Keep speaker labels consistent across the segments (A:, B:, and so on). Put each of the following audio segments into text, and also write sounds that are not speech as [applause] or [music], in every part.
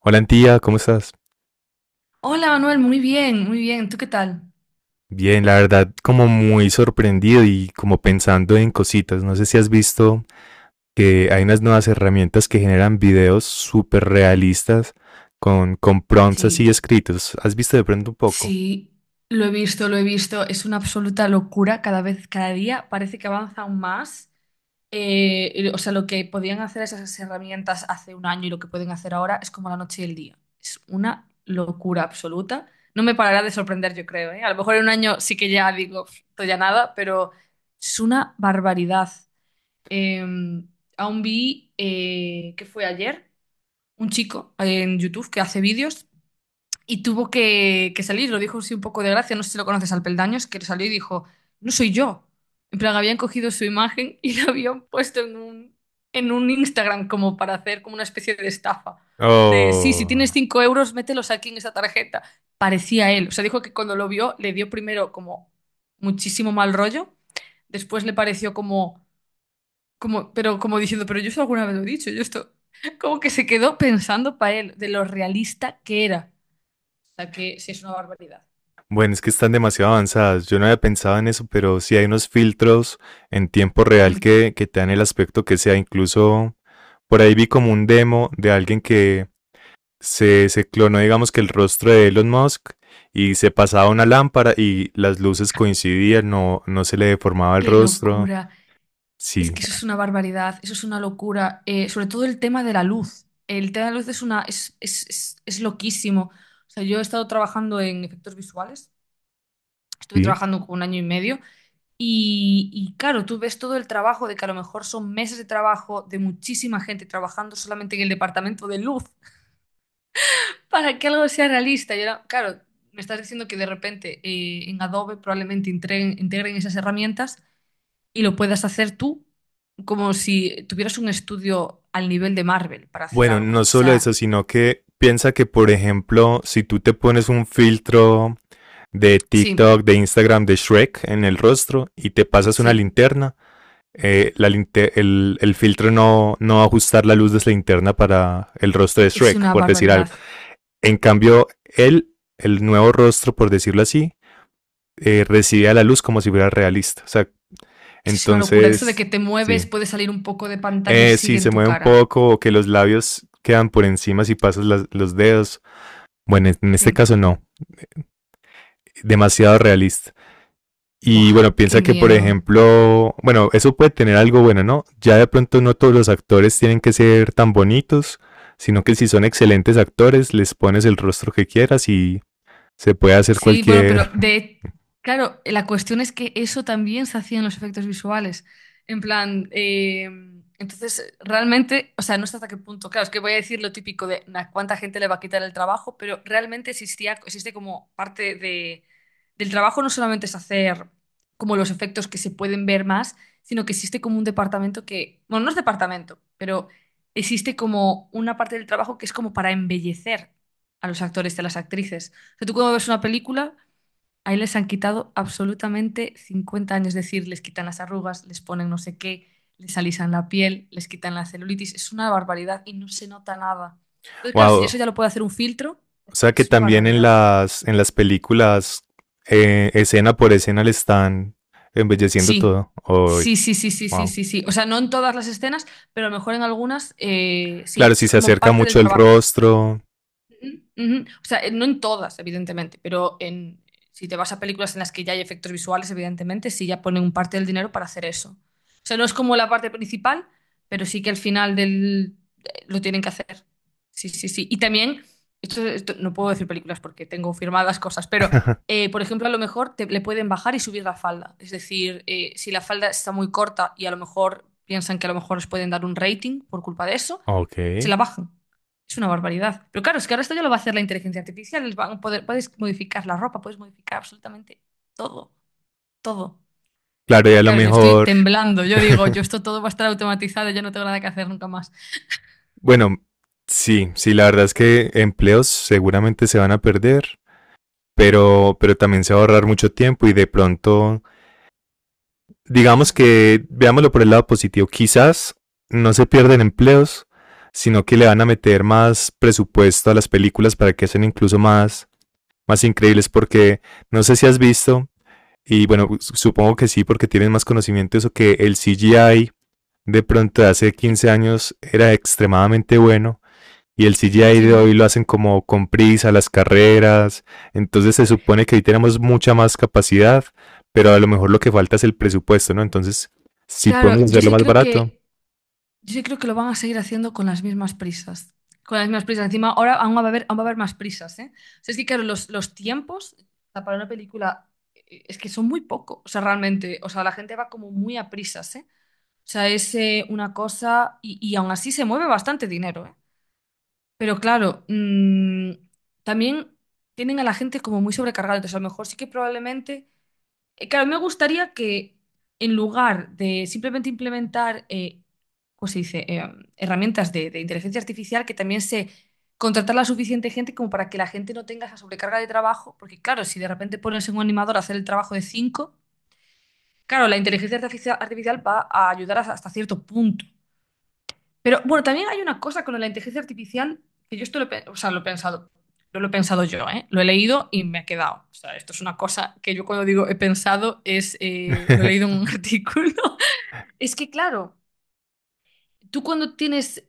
A: Hola, tía, ¿cómo estás?
B: Hola Manuel, muy bien, muy bien. ¿Tú qué tal?
A: Bien, la verdad, como muy sorprendido y como pensando en cositas. No sé si has visto que hay unas nuevas herramientas que generan videos súper realistas con prompts así
B: Sí,
A: escritos. ¿Has visto de pronto un poco?
B: sí, lo he visto, lo he visto. Es una absoluta locura cada vez, cada día. Parece que avanza aún más. Lo que podían hacer esas herramientas hace un año y lo que pueden hacer ahora es como la noche y el día. Es una locura absoluta. No me parará de sorprender, yo creo, ¿eh? A lo mejor en un año sí que ya digo, "Pf, esto ya nada", pero es una barbaridad. Eh, aún vi, ¿qué fue ayer? Un chico en YouTube que hace vídeos y tuvo que salir, lo dijo así un poco de gracia, no sé si lo conoces, al Peldaños, que salió y dijo, "No soy yo". En plan, habían cogido su imagen y la habían puesto en un Instagram como para hacer como una especie de estafa. De, sí, si tienes
A: Oh,
B: 5 euros, mételos aquí en esa tarjeta. Parecía él. O sea, dijo que cuando lo vio le dio primero como muchísimo mal rollo, después le pareció como, pero como diciendo, "Pero yo eso alguna vez lo he dicho, yo esto", [laughs] como que se quedó pensando para él de lo realista que era. O sea, que sí, es una barbaridad.
A: bueno, es que están demasiado avanzadas. Yo no había pensado en eso, pero sí hay unos filtros en tiempo
B: Ujú.
A: real que te dan el aspecto que sea. Incluso por ahí vi como un demo de alguien que se clonó, digamos que el rostro de Elon Musk, y se pasaba una lámpara y las luces coincidían, no, no se le deformaba el
B: Qué
A: rostro.
B: locura. Es
A: Sí,
B: que eso es una barbaridad, eso es una locura. Sobre todo el tema de la luz. El tema de la luz es es loquísimo. O sea, yo he estado trabajando en efectos visuales, estuve
A: sí.
B: trabajando como un año y medio. Y claro, tú ves todo el trabajo de que a lo mejor son meses de trabajo de muchísima gente trabajando solamente en el departamento de luz. Para que algo sea realista, yo no- claro, me estás diciendo que de repente en Adobe probablemente integren esas herramientas y lo puedas hacer tú como si tuvieras un estudio al nivel de Marvel para hacer
A: Bueno,
B: algo.
A: no
B: O
A: solo eso,
B: sea,
A: sino que piensa que, por ejemplo, si tú te pones un filtro de
B: sí,
A: TikTok, de Instagram, de Shrek en el rostro y te pasas una
B: sí,
A: linterna, el filtro no, no va a ajustar la luz de esa linterna para el rostro de
B: es
A: Shrek,
B: una
A: por decir algo.
B: barbaridad.
A: En cambio, el nuevo rostro, por decirlo así, recibía la luz como si fuera realista. O sea,
B: Es que es una locura. Eso de que
A: entonces,
B: te
A: sí.
B: mueves, puede salir un poco de pantalla y
A: Si
B: sigue en
A: se
B: tu
A: mueve un
B: cara.
A: poco o que los labios quedan por encima si pasas los dedos. Bueno, en este
B: Sí.
A: caso no. Demasiado realista. Y
B: Buah,
A: bueno,
B: qué
A: piensa que, por
B: miedo.
A: ejemplo, bueno, eso puede tener algo bueno, ¿no? Ya de pronto no todos los actores tienen que ser tan bonitos, sino que si son excelentes actores, les pones el rostro que quieras y se puede hacer
B: Sí, bueno, pero
A: cualquier, [laughs]
B: de, claro, la cuestión es que eso también se hacía en los efectos visuales. En plan, entonces realmente, o sea, no sé hasta qué punto. Claro, es que voy a decir lo típico de "Nah, cuánta gente le va a quitar el trabajo", pero realmente existía, existe como parte de, del trabajo. No solamente es hacer como los efectos que se pueden ver más, sino que existe como un departamento que, bueno, no es departamento, pero existe como una parte del trabajo que es como para embellecer a los actores y a las actrices. Sea, tú cuando ves una película, ahí les han quitado absolutamente 50 años. Es decir, les quitan las arrugas, les ponen no sé qué, les alisan la piel, les quitan la celulitis. Es una barbaridad y no se nota nada. Entonces, claro, si
A: wow.
B: eso ya lo puede hacer un filtro,
A: O sea que
B: es una
A: también en
B: barbaridad.
A: en las películas, escena por escena, le están embelleciendo
B: Sí,
A: todo. Uy,
B: sí, sí, sí, sí, sí,
A: wow.
B: sí, sí. O sea, no en todas las escenas, pero a lo mejor en algunas sí.
A: Claro,
B: O
A: si
B: sea, es
A: se
B: como
A: acerca
B: parte del
A: mucho el
B: trabajo.
A: rostro.
B: Ujú, ujú. O sea, no en todas, evidentemente, pero en, si te vas a películas en las que ya hay efectos visuales, evidentemente, sí ya ponen un parte del dinero para hacer eso. O sea, no es como la parte principal, pero sí que al final del, lo tienen que hacer. Sí, sí, sí. Y también, no puedo decir películas porque tengo firmadas cosas, pero,
A: [laughs]
B: por ejemplo, a lo mejor te- le pueden bajar y subir la falda. Es decir, si la falda está muy corta y a lo mejor piensan que a lo mejor les pueden dar un rating por culpa de eso,
A: Ok.
B: se la bajan. Es una barbaridad. Pero claro, es que ahora esto ya lo va a hacer la inteligencia artificial. Les van a poder- puedes modificar la ropa, puedes modificar absolutamente todo, todo.
A: Claro, y a lo
B: Claro, yo estoy
A: mejor.
B: temblando. Yo
A: [laughs]
B: digo, yo esto todo va a estar automatizado, yo no tengo nada que hacer nunca más.
A: Bueno, sí, sí, la verdad es que empleos seguramente se van a perder, pero también se va a ahorrar mucho tiempo y de pronto, digamos que veámoslo por el lado positivo, quizás no se pierden empleos, sino que le van a meter más presupuesto a las películas para que sean incluso más, más increíbles, porque no sé si has visto, y bueno, supongo que sí, porque tienes más conocimiento de eso, que el CGI de pronto de hace
B: Y-
A: 15 años era extremadamente bueno y el CGI
B: sí.
A: de hoy lo hacen como con prisa, las carreras. Entonces se supone que ahí tenemos mucha más capacidad, pero a lo mejor lo que falta es el presupuesto, ¿no? Entonces, sí podemos
B: Claro, yo
A: hacerlo
B: sí
A: más
B: creo
A: barato.
B: que, yo sí creo que lo van a seguir haciendo con las mismas prisas. Con las mismas prisas. Encima, ahora aún va a haber, aún va a haber más prisas, ¿eh? O sea, es que claro, los tiempos, o sea, para una película es que son muy poco. O sea, realmente, o sea, la gente va como muy a prisas, ¿eh? O sea, es una cosa y aún así se mueve bastante dinero, ¿eh? Pero claro, también tienen a la gente como muy sobrecargada. Entonces, a lo mejor sí que probablemente… claro, me gustaría que en lugar de simplemente implementar, ¿cómo se dice?, herramientas de inteligencia artificial, que también se contratar la suficiente gente como para que la gente no tenga esa sobrecarga de trabajo. Porque claro, si de repente pones en un animador a hacer el trabajo de cinco… Claro, la inteligencia artificia- artificial va a ayudar hasta hasta cierto punto, pero bueno, también hay una cosa con la inteligencia artificial que yo esto lo, he pe- o sea, lo he pensado, no lo he pensado yo, ¿eh? Lo he leído y me ha quedado. O sea, esto es una cosa que yo cuando digo he pensado es, lo he leído
A: [laughs]
B: en un [laughs] artículo. Es que claro, tú cuando tienes,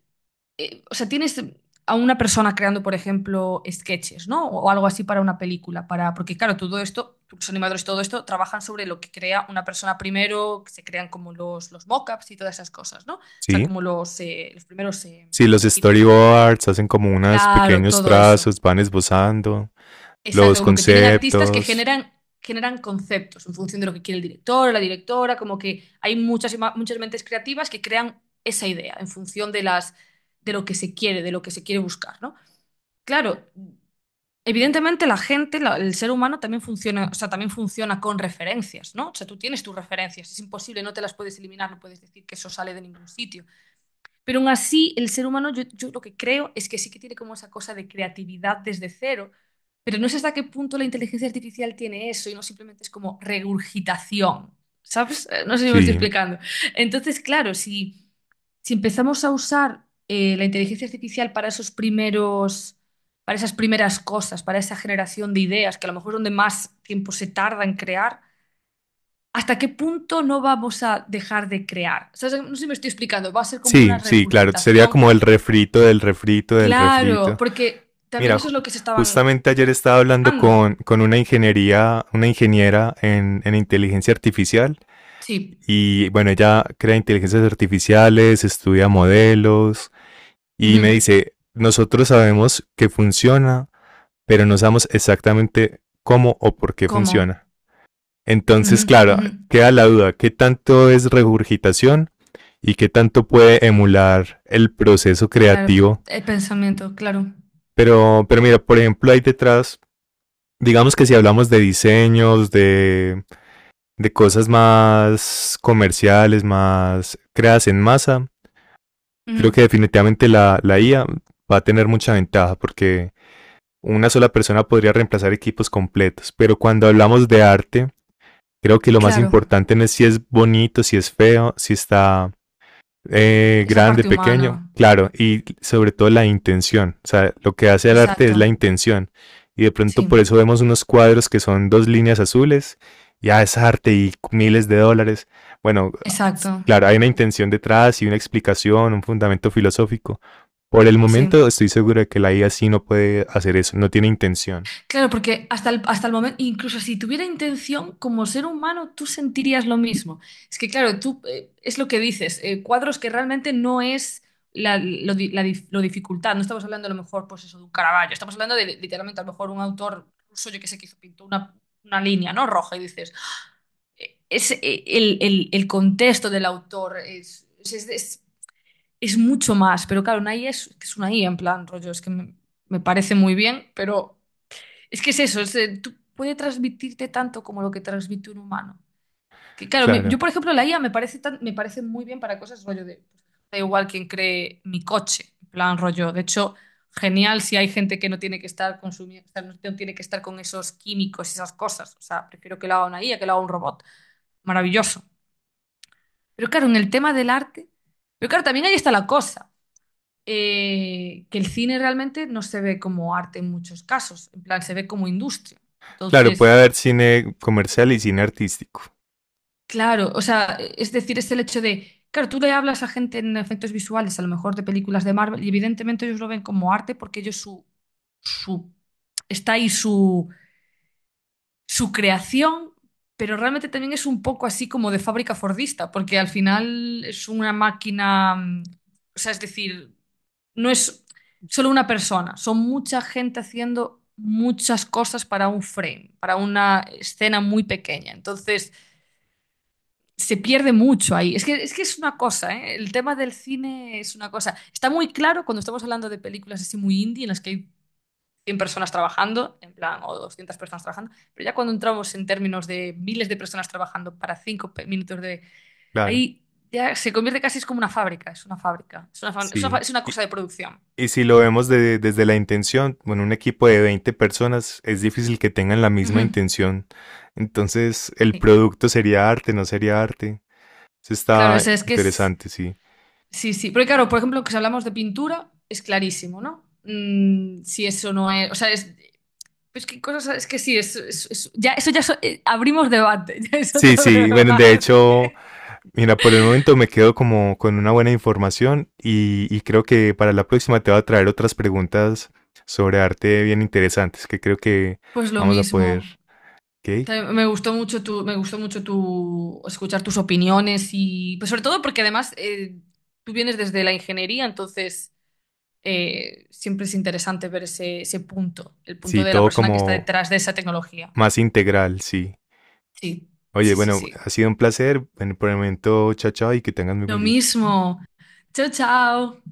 B: o sea, tienes a una persona creando, por ejemplo, sketches, ¿no? O algo así para una película, para, porque claro, todo esto, los animadores, todo esto, trabajan sobre lo que crea una persona primero, que se crean como los mockups y todas esas cosas, ¿no? O sea,
A: Sí.
B: como los primeros
A: Sí. Los
B: dibujitos.
A: storyboards hacen como unos
B: Claro,
A: pequeños
B: todo eso.
A: trazos, van esbozando
B: Exacto,
A: los
B: como que tienen artistas que
A: conceptos.
B: generan, generan conceptos en función de lo que quiere el director, o la directora, como que hay muchas, ima- muchas mentes creativas que crean esa idea en función de las, de lo que se quiere, de lo que se quiere buscar, ¿no? Claro, evidentemente la gente, la- el ser humano también funciona, o sea, también funciona con referencias, ¿no? O sea, tú tienes tus referencias, es imposible, no te las puedes eliminar, no puedes decir que eso sale de ningún sitio. Pero aún así, el ser humano, yo lo que creo es que sí que tiene como esa cosa de creatividad desde cero, pero no sé hasta qué punto la inteligencia artificial tiene eso y no simplemente es como regurgitación, ¿sabes? No sé si me estoy
A: Sí.
B: explicando. Entonces, claro, si, si empezamos a usar la inteligencia artificial para esos primeros, para esas primeras cosas, para esa generación de ideas, que a lo mejor es donde más tiempo se tarda en crear, ¿hasta qué punto no vamos a dejar de crear? ¿Sabes? No sé si me estoy explicando, va a ser como una
A: Sí, sí, claro. Sería
B: regurgitación.
A: como el refrito del refrito del
B: Claro,
A: refrito.
B: porque también
A: Mira,
B: eso es lo que se estaban
A: justamente ayer estaba hablando
B: quejando.
A: con una ingeniería, una ingeniera en inteligencia artificial
B: Sí.
A: y bueno, ella crea inteligencias artificiales, estudia modelos y
B: Ujú.
A: me dice, nosotros sabemos que funciona, pero no sabemos exactamente cómo o por qué
B: ¿Cómo?
A: funciona.
B: Ujú,
A: Entonces, claro,
B: ujú.
A: queda la duda, ¿qué tanto es regurgitación y qué tanto puede emular el proceso
B: Claro, p-
A: creativo?
B: el pensamiento, claro.
A: Pero mira, por ejemplo, ahí detrás digamos que si hablamos de diseños, de cosas más comerciales, más creadas en masa,
B: Ujú.
A: creo que definitivamente la IA va a tener mucha ventaja porque una sola persona podría reemplazar equipos completos. Pero cuando hablamos de arte, creo que lo más
B: Claro,
A: importante no es si es bonito, si es feo, si está
B: esa
A: grande,
B: parte
A: pequeño,
B: humana.
A: claro, y sobre todo la intención. O sea, lo que hace el arte
B: Exacto.
A: es la intención. Y de pronto
B: Sí,
A: por eso vemos unos cuadros que son dos líneas azules, ya es arte y miles de dólares. Bueno,
B: exacto.
A: claro, hay una intención detrás y una explicación, un fundamento filosófico. Por el
B: Sí.
A: momento estoy seguro de que la IA sí no puede hacer eso, no tiene intención.
B: Claro, porque hasta el momento, incluso si tuviera intención, como ser humano, tú sentirías lo mismo. Es que, claro, tú es lo que dices, cuadros que realmente no es la, lo, di- la dif- lo dificultad. No estamos hablando a lo mejor, pues eso, de un Caravaggio. Estamos hablando de literalmente a lo mejor un autor ruso, yo que sé, que hizo, pintó una línea, ¿no? Roja, y dices, es, el contexto del autor es, es mucho más. Pero claro, una IA es una IA en plan, rollo, es que me me parece muy bien, pero. Es que es eso, es, tú puede transmitirte tanto como lo que transmite un humano. Que, claro, me- yo,
A: Claro,
B: por ejemplo, la IA me parece, tan- me parece muy bien para cosas rollo de. Pues, da igual quien cree mi coche, en plan rollo. De hecho, genial si hay gente que no tiene que estar consumiendo, o sea, no no tiene que estar con esos químicos y esas cosas. O sea, prefiero que lo haga una I a que lo haga un robot. Maravilloso. Pero claro, en el tema del arte. Pero claro, también ahí está la cosa. Que el cine realmente no se ve como arte en muchos casos. En plan, se ve como industria.
A: claro, puede
B: Entonces.
A: haber cine comercial y cine artístico.
B: Claro, o sea, e, es decir, es el hecho de, claro, tú le hablas a gente en efectos visuales, a lo mejor de películas de Marvel, y evidentemente ellos lo ven como arte porque ellos su, su, está ahí su, su creación, pero realmente también es un poco así como de fábrica fordista, porque al final es una máquina, o sea, es decir, no es solo una persona, son mucha gente haciendo muchas cosas para un frame, para una escena muy pequeña. Entonces se pierde mucho ahí. Es que es una cosa, ¿eh? El tema del cine es una cosa. Está muy claro cuando estamos hablando de películas así muy indie, en las que hay 100 personas trabajando, en plan, o 200 personas trabajando, pero ya cuando entramos en términos de miles de personas trabajando para 5 minutos de…
A: Claro,
B: Ahí ya se convierte casi es como una fábrica, es una fábrica, es una, fa- es una fa-
A: sí.
B: es una cosa
A: Y,
B: de producción.
A: y si lo vemos desde la intención, bueno, un equipo de 20 personas es difícil que tengan la misma
B: Ujú,
A: intención. Entonces, el
B: sí,
A: producto sería arte, no sería arte. Eso
B: claro, o
A: está
B: sea, es que es…
A: interesante, sí.
B: Sí, sí, porque claro, por ejemplo, que si hablamos de pintura, es clarísimo, ¿no? Mm, si eso no es… O sea, es, pues qué cosas, es que sí, es- ya, eso ya so- abrimos debate, [laughs] ya es
A: Sí,
B: otro
A: sí, bueno, de
B: debate.
A: hecho, mira, por el momento me quedo como con una buena información y creo que para la próxima te voy a traer otras preguntas sobre arte bien interesantes que creo que
B: Pues lo
A: vamos a poder,
B: mismo.
A: ¿ok?
B: Te- Me gustó mucho tu, me gustó mucho tu escuchar tus opiniones y pues sobre todo porque además tú vienes desde la ingeniería, entonces siempre es interesante ver ese, ese punto, el punto
A: Sí,
B: de la
A: todo
B: persona que está
A: como
B: detrás de esa tecnología.
A: más integral, sí.
B: Sí,
A: Oye,
B: sí, sí,
A: bueno,
B: sí.
A: ha sido un placer. Bueno, por el momento, chao, chao, y que tengas muy buen
B: Lo
A: día.
B: mismo. Chao, chao.